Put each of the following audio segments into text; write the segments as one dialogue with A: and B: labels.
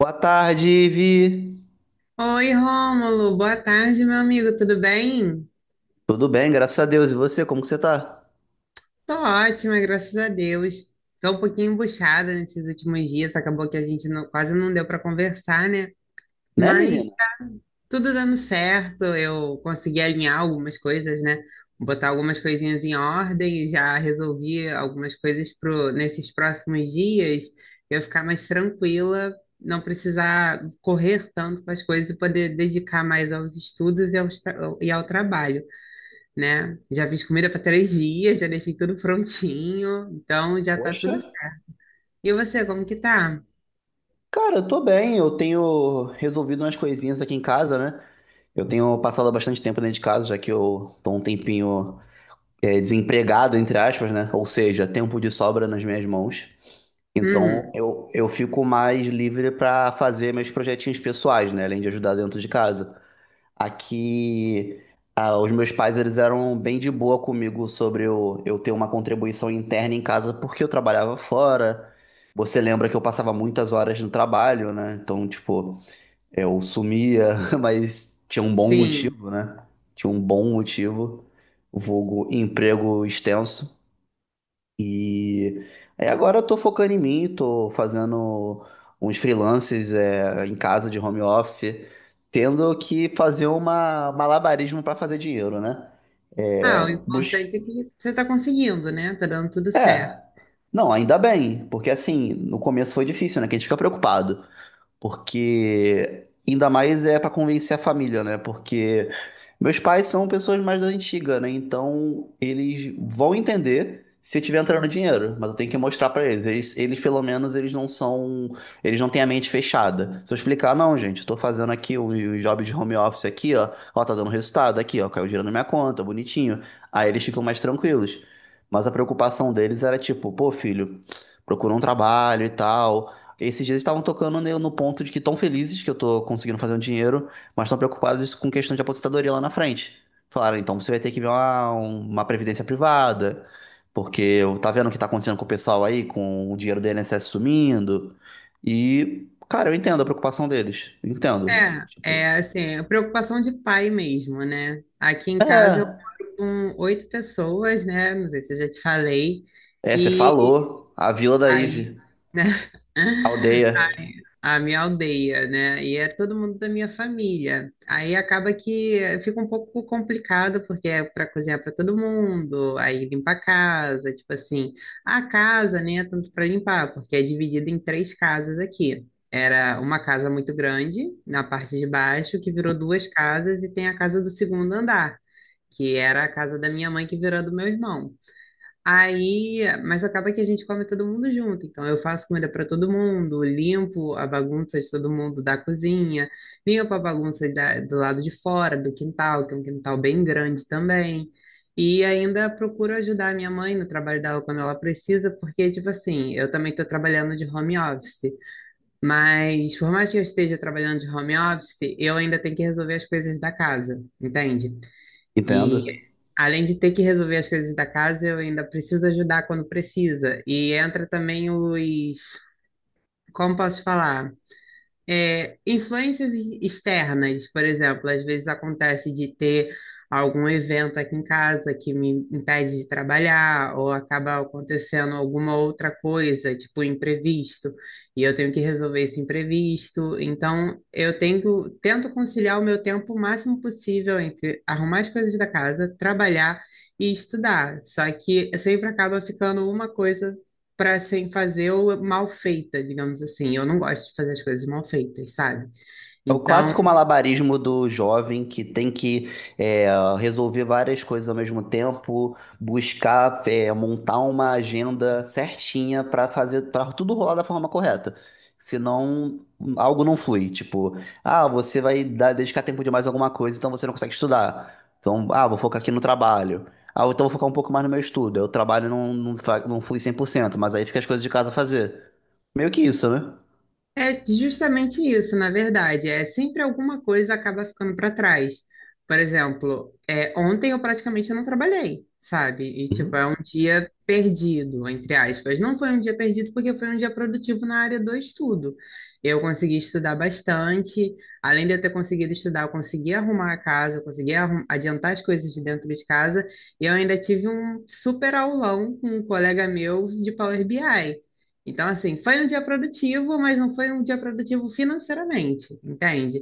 A: Boa tarde, Ivi.
B: Oi, Rômulo. Boa tarde, meu amigo. Tudo bem?
A: Tudo bem, graças a Deus. E você, como que você tá?
B: Tô ótima, graças a Deus. Tô um pouquinho embuchada nesses últimos dias. Acabou que a gente não- quase não deu para conversar, né?
A: Né,
B: Mas
A: menina?
B: tudo dando certo. Eu consegui alinhar algumas coisas, né? Botar algumas coisinhas em ordem. E já resolvi algumas nesses próximos dias. Eu ficar mais tranquila, não precisar correr tanto com as coisas e poder dedicar mais aos estudos aos e ao trabalho, né? Já fiz comida para três dias, já deixei tudo prontinho, então já tá
A: Poxa.
B: tudo. E você, como que tá?
A: Cara, eu tô bem. Eu tenho resolvido umas coisinhas aqui em casa, né? Eu tenho passado bastante tempo dentro de casa, já que eu tô um tempinho desempregado, entre aspas, né? Ou seja, tempo de sobra nas minhas mãos. Então,
B: Uhum,
A: eu fico mais livre pra fazer meus projetinhos pessoais, né? Além de ajudar dentro de casa. Aqui, os meus pais eles eram bem de boa comigo sobre eu ter uma contribuição interna em casa porque eu trabalhava fora. Você lembra que eu passava muitas horas no trabalho, né? Então, tipo, eu sumia, mas tinha um bom
B: sim.
A: motivo, né? Tinha um bom motivo, vulgo emprego extenso. E aí agora eu tô focando em mim, tô fazendo uns freelances em casa de home office, tendo que fazer uma malabarismo para fazer dinheiro, né? É,
B: Ah, o
A: bus...
B: importante é que você tá conseguindo, né? Tá dando tudo
A: é,
B: certo.
A: não, ainda bem, porque assim, no começo foi difícil, né? Que a gente fica preocupado. Porque ainda mais é para convencer a família, né? Porque meus pais são pessoas mais da antiga, né? Então eles vão entender se eu tiver entrando dinheiro, mas eu tenho que mostrar para eles. Pelo menos eles não são, eles não têm a mente fechada. Se eu explicar, não, gente, eu tô fazendo aqui um job de home office aqui, ó, ó, tá dando resultado aqui, ó, caiu dinheiro na minha conta, bonitinho. Aí eles ficam mais tranquilos. Mas a preocupação deles era tipo, pô, filho, procura um trabalho e tal. Esses dias estavam tocando no ponto de que estão felizes que eu tô conseguindo fazer um dinheiro, mas estão preocupados com questão de aposentadoria lá na frente. Falaram, então você vai ter que ver uma previdência privada, porque tá vendo o que tá acontecendo com o pessoal aí, com o dinheiro do INSS sumindo. E, cara, eu entendo a preocupação deles. Eu entendo.
B: É,
A: Tipo,
B: é assim, a preocupação de pai mesmo, né? Aqui em casa eu
A: é,
B: moro com oito pessoas, né? Não sei se eu já te falei.
A: você
B: E
A: falou, a Vila da
B: aí
A: Ive, a aldeia,
B: a minha aldeia, né? E é todo mundo da minha família. Aí acaba que fica um pouco complicado, porque é para cozinhar para todo mundo, aí limpar a casa, tipo assim. A casa nem é tanto para limpar, porque é dividida em três casas aqui. Era uma casa muito grande, na parte de baixo, que virou duas casas, e tem a casa do segundo andar, que era a casa da minha mãe, que virou a do meu irmão. Aí, mas acaba que a gente come todo mundo junto. Então, eu faço comida para todo mundo, limpo a bagunça de todo mundo da cozinha, limpo a bagunça do lado de fora, do quintal, que é um quintal bem grande também. E ainda procuro ajudar a minha mãe no trabalho dela quando ela precisa, porque, tipo assim, eu também estou trabalhando de home office. Mas, por mais que eu esteja trabalhando de home office, eu ainda tenho que resolver as coisas da casa, entende?
A: entendo.
B: Além de ter que resolver as coisas da casa, eu ainda preciso ajudar quando precisa. E entra também como posso falar? É, influências externas, por exemplo, às vezes acontece de ter algum evento aqui em casa que me impede de trabalhar, ou acaba acontecendo alguma outra coisa, tipo imprevisto, e eu tenho que resolver esse imprevisto. Então, tento conciliar o meu tempo o máximo possível entre arrumar as coisas da casa, trabalhar e estudar. Só que sempre acaba ficando uma coisa para sem fazer ou mal feita, digamos assim. Eu não gosto de fazer as coisas mal feitas, sabe?
A: É o
B: Então,
A: clássico malabarismo do jovem que tem que é, resolver várias coisas ao mesmo tempo, buscar montar uma agenda certinha para fazer para tudo rolar da forma correta. Senão algo não flui. Tipo, ah, você dedicar tempo demais a alguma coisa, então você não consegue estudar. Então, ah, vou focar aqui no trabalho. Ah, então vou focar um pouco mais no meu estudo. Aí o trabalho não flui 100%, mas aí fica as coisas de casa a fazer. Meio que isso, né?
B: é justamente isso, na verdade. É sempre alguma coisa acaba ficando para trás. Por exemplo, é, ontem eu praticamente não trabalhei, sabe? E tipo, é um dia perdido, entre aspas. Não foi um dia perdido porque foi um dia produtivo na área do estudo. Eu consegui estudar bastante. Além de eu ter conseguido estudar, eu consegui arrumar a casa, eu adiantar as coisas de dentro de casa. E eu ainda tive um super aulão com um colega meu de Power BI. Então, assim, foi um dia produtivo, mas não foi um dia produtivo financeiramente, entende?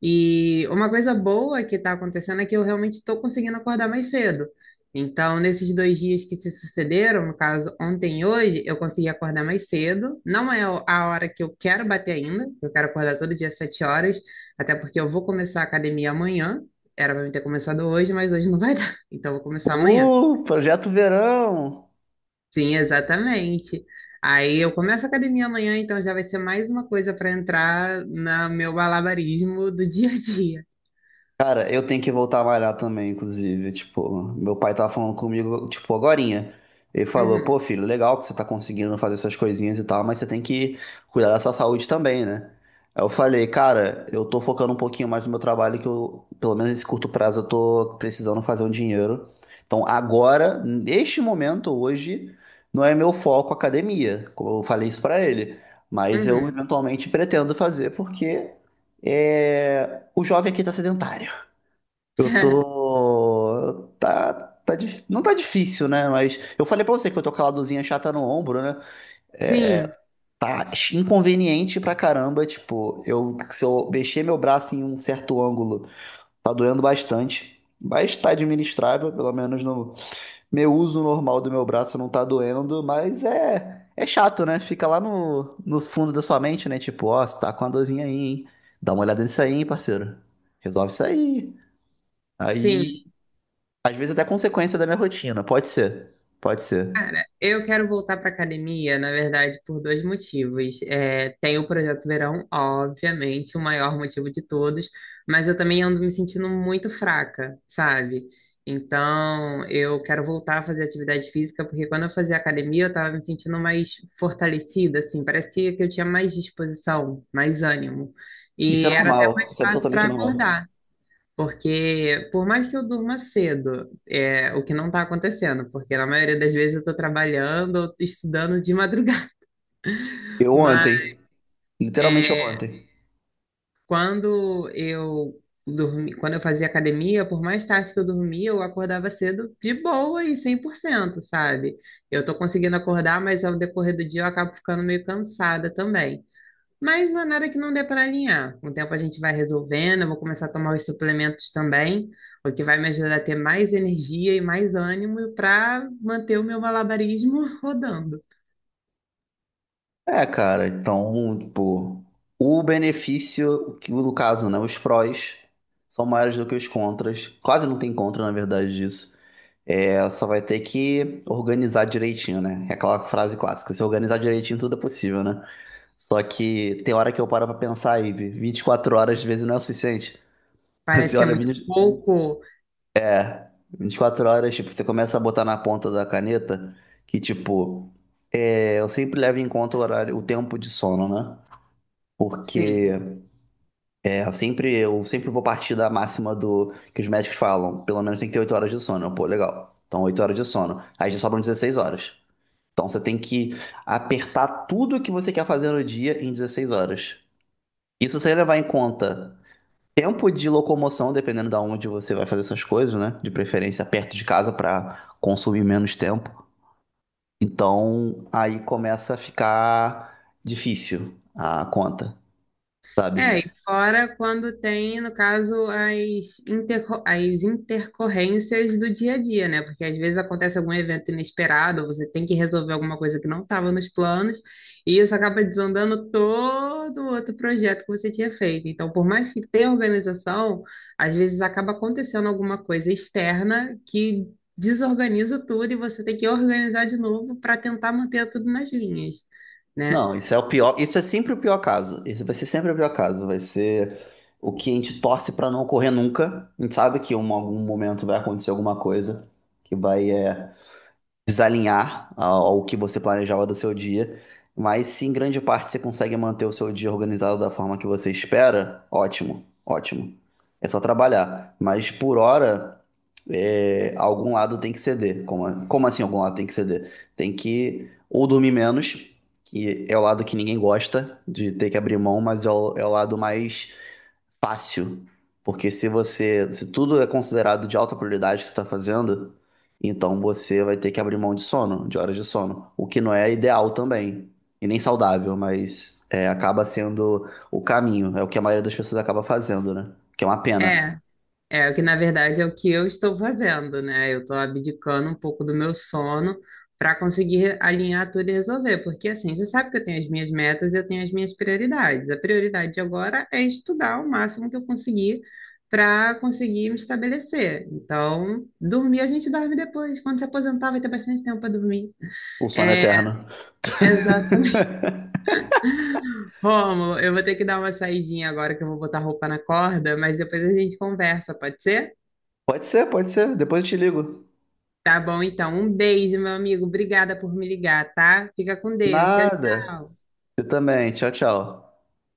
B: E uma coisa boa que está acontecendo é que eu realmente estou conseguindo acordar mais cedo. Então, nesses dois dias que se sucederam, no caso, ontem e hoje, eu consegui acordar mais cedo. Não é a hora que eu quero bater ainda, eu quero acordar todo dia às sete horas, até porque eu vou começar a academia amanhã. Era para eu ter começado hoje, mas hoje não vai dar, então eu vou começar amanhã.
A: Uhul, projeto verão!
B: Sim, exatamente. Aí eu começo a academia amanhã, então já vai ser mais uma coisa para entrar no meu balabarismo do dia a dia.
A: Cara, eu tenho que voltar a malhar também, inclusive. Tipo, meu pai tava falando comigo, tipo, agorinha. Ele falou, pô,
B: Uhum,
A: filho, legal que você tá conseguindo fazer essas coisinhas e tal, mas você tem que cuidar da sua saúde também, né? Aí eu falei, cara, eu tô focando um pouquinho mais no meu trabalho, que eu, pelo menos nesse curto prazo, eu tô precisando fazer um dinheiro. Então, agora, neste momento, hoje, não é meu foco academia, como eu falei isso pra ele. Mas eu
B: uhum.
A: eventualmente pretendo fazer, porque o jovem aqui tá sedentário. Eu tô. Não tá difícil, né? Mas eu falei pra você que eu tô com a ladozinha chata no ombro, né? É,
B: Sim,
A: tá inconveniente pra caramba. Tipo, eu, se eu mexer meu braço em um certo ângulo, tá doendo bastante. Mas tá administrável, pelo menos no meu uso normal do meu braço não tá doendo. Mas é, é chato, né? Fica lá no fundo da sua mente, né? Tipo, ó, você tá com a dorzinha aí, hein? Dá uma olhada nisso aí, hein, parceiro. Resolve isso aí.
B: sim.
A: Aí às vezes até consequência da minha rotina. Pode ser. Pode ser.
B: Cara, eu quero voltar para academia, na verdade, por dois motivos. É, tem o Projeto Verão, obviamente, o maior motivo de todos, mas eu também ando me sentindo muito fraca, sabe? Então, eu quero voltar a fazer atividade física, porque quando eu fazia academia, eu tava me sentindo mais fortalecida, assim, parecia que eu tinha mais disposição, mais ânimo.
A: Isso é
B: E era até
A: normal.
B: mais
A: Isso é
B: fácil
A: absolutamente
B: para
A: normal.
B: acordar. Porque, por mais que eu durma cedo, é o que não está acontecendo, porque na maioria das vezes eu estou trabalhando ou tô estudando de madrugada.
A: Eu
B: Mas
A: ontem. Literalmente eu
B: é,
A: ontem.
B: quando eu dormi, quando eu fazia academia, por mais tarde que eu dormia, eu acordava cedo de boa e 100%, sabe? Eu estou conseguindo acordar, mas ao decorrer do dia eu acabo ficando meio cansada também. Mas não é nada que não dê para alinhar. Com o tempo a gente vai resolvendo, eu vou começar a tomar os suplementos também, o que vai me ajudar a ter mais energia e mais ânimo para manter o meu malabarismo rodando.
A: É, cara, então, tipo, o benefício, que no caso, né, os prós são maiores do que os contras. Quase não tem contra, na verdade, disso. É, só vai ter que organizar direitinho, né? É aquela frase clássica, se organizar direitinho tudo é possível, né? Só que tem hora que eu paro pra pensar aí, 24 horas às vezes não é o suficiente.
B: Parece
A: Você
B: que é
A: olha,
B: muito pouco,
A: 24 horas, tipo, você começa a botar na ponta da caneta que, tipo, eu sempre levo em conta o horário, o tempo de sono, né? Porque
B: sim.
A: eu sempre vou partir da máxima do que os médicos falam, pelo menos tem que ter 8 horas de sono. Eu, pô, legal. Então, 8 horas de sono. Aí já sobram 16 horas. Então, você tem que apertar tudo que você quer fazer no dia em 16 horas. Isso sem levar em conta tempo de locomoção, dependendo da onde você vai fazer essas coisas, né? De preferência perto de casa para consumir menos tempo. Então, aí começa a ficar difícil a conta, sabe?
B: É, e fora quando tem, no caso, interco as intercorrências do dia a dia, né? Porque às vezes acontece algum evento inesperado, ou você tem que resolver alguma coisa que não estava nos planos, e isso acaba desandando todo o outro projeto que você tinha feito. Então, por mais que tenha organização, às vezes acaba acontecendo alguma coisa externa que desorganiza tudo e você tem que organizar de novo para tentar manter tudo nas linhas, né?
A: Não, isso é o pior, isso é sempre o pior caso. Isso vai ser sempre o pior caso, vai ser o que a gente torce pra não ocorrer nunca. A gente sabe que em algum momento vai acontecer alguma coisa que vai desalinhar ao que você planejava do seu dia, mas se em grande parte você consegue manter o seu dia organizado da forma que você espera, ótimo, ótimo. É só trabalhar. Mas por hora, algum lado tem que ceder. Como, como assim algum lado tem que ceder? Tem que ou dormir menos, que é o lado que ninguém gosta de ter que abrir mão, mas é o lado mais fácil. Porque se você, se tudo é considerado de alta prioridade que você está fazendo, então você vai ter que abrir mão de sono, de horas de sono, o que não é ideal também, e nem saudável, mas é, acaba sendo o caminho, é o que a maioria das pessoas acaba fazendo, né? Que é uma pena.
B: É. É, o que na verdade é o que eu estou fazendo, né? Eu estou abdicando um pouco do meu sono para conseguir alinhar tudo e resolver, porque assim, você sabe que eu tenho as minhas metas e eu tenho as minhas prioridades. A prioridade agora é estudar o máximo que eu conseguir para conseguir me estabelecer. Então, dormir a gente dorme depois. Quando se aposentar, vai ter bastante tempo para dormir.
A: O sono é
B: É,
A: eterno.
B: exatamente. Rômulo, eu vou ter que dar uma saidinha agora que eu vou botar roupa na corda, mas depois a gente conversa, pode ser?
A: Pode ser, pode ser. Depois eu te ligo.
B: Tá bom, então. Um beijo, meu amigo. Obrigada por me ligar, tá? Fica com Deus. Tchau,
A: Nada.
B: tchau.
A: Você também. Tchau, tchau.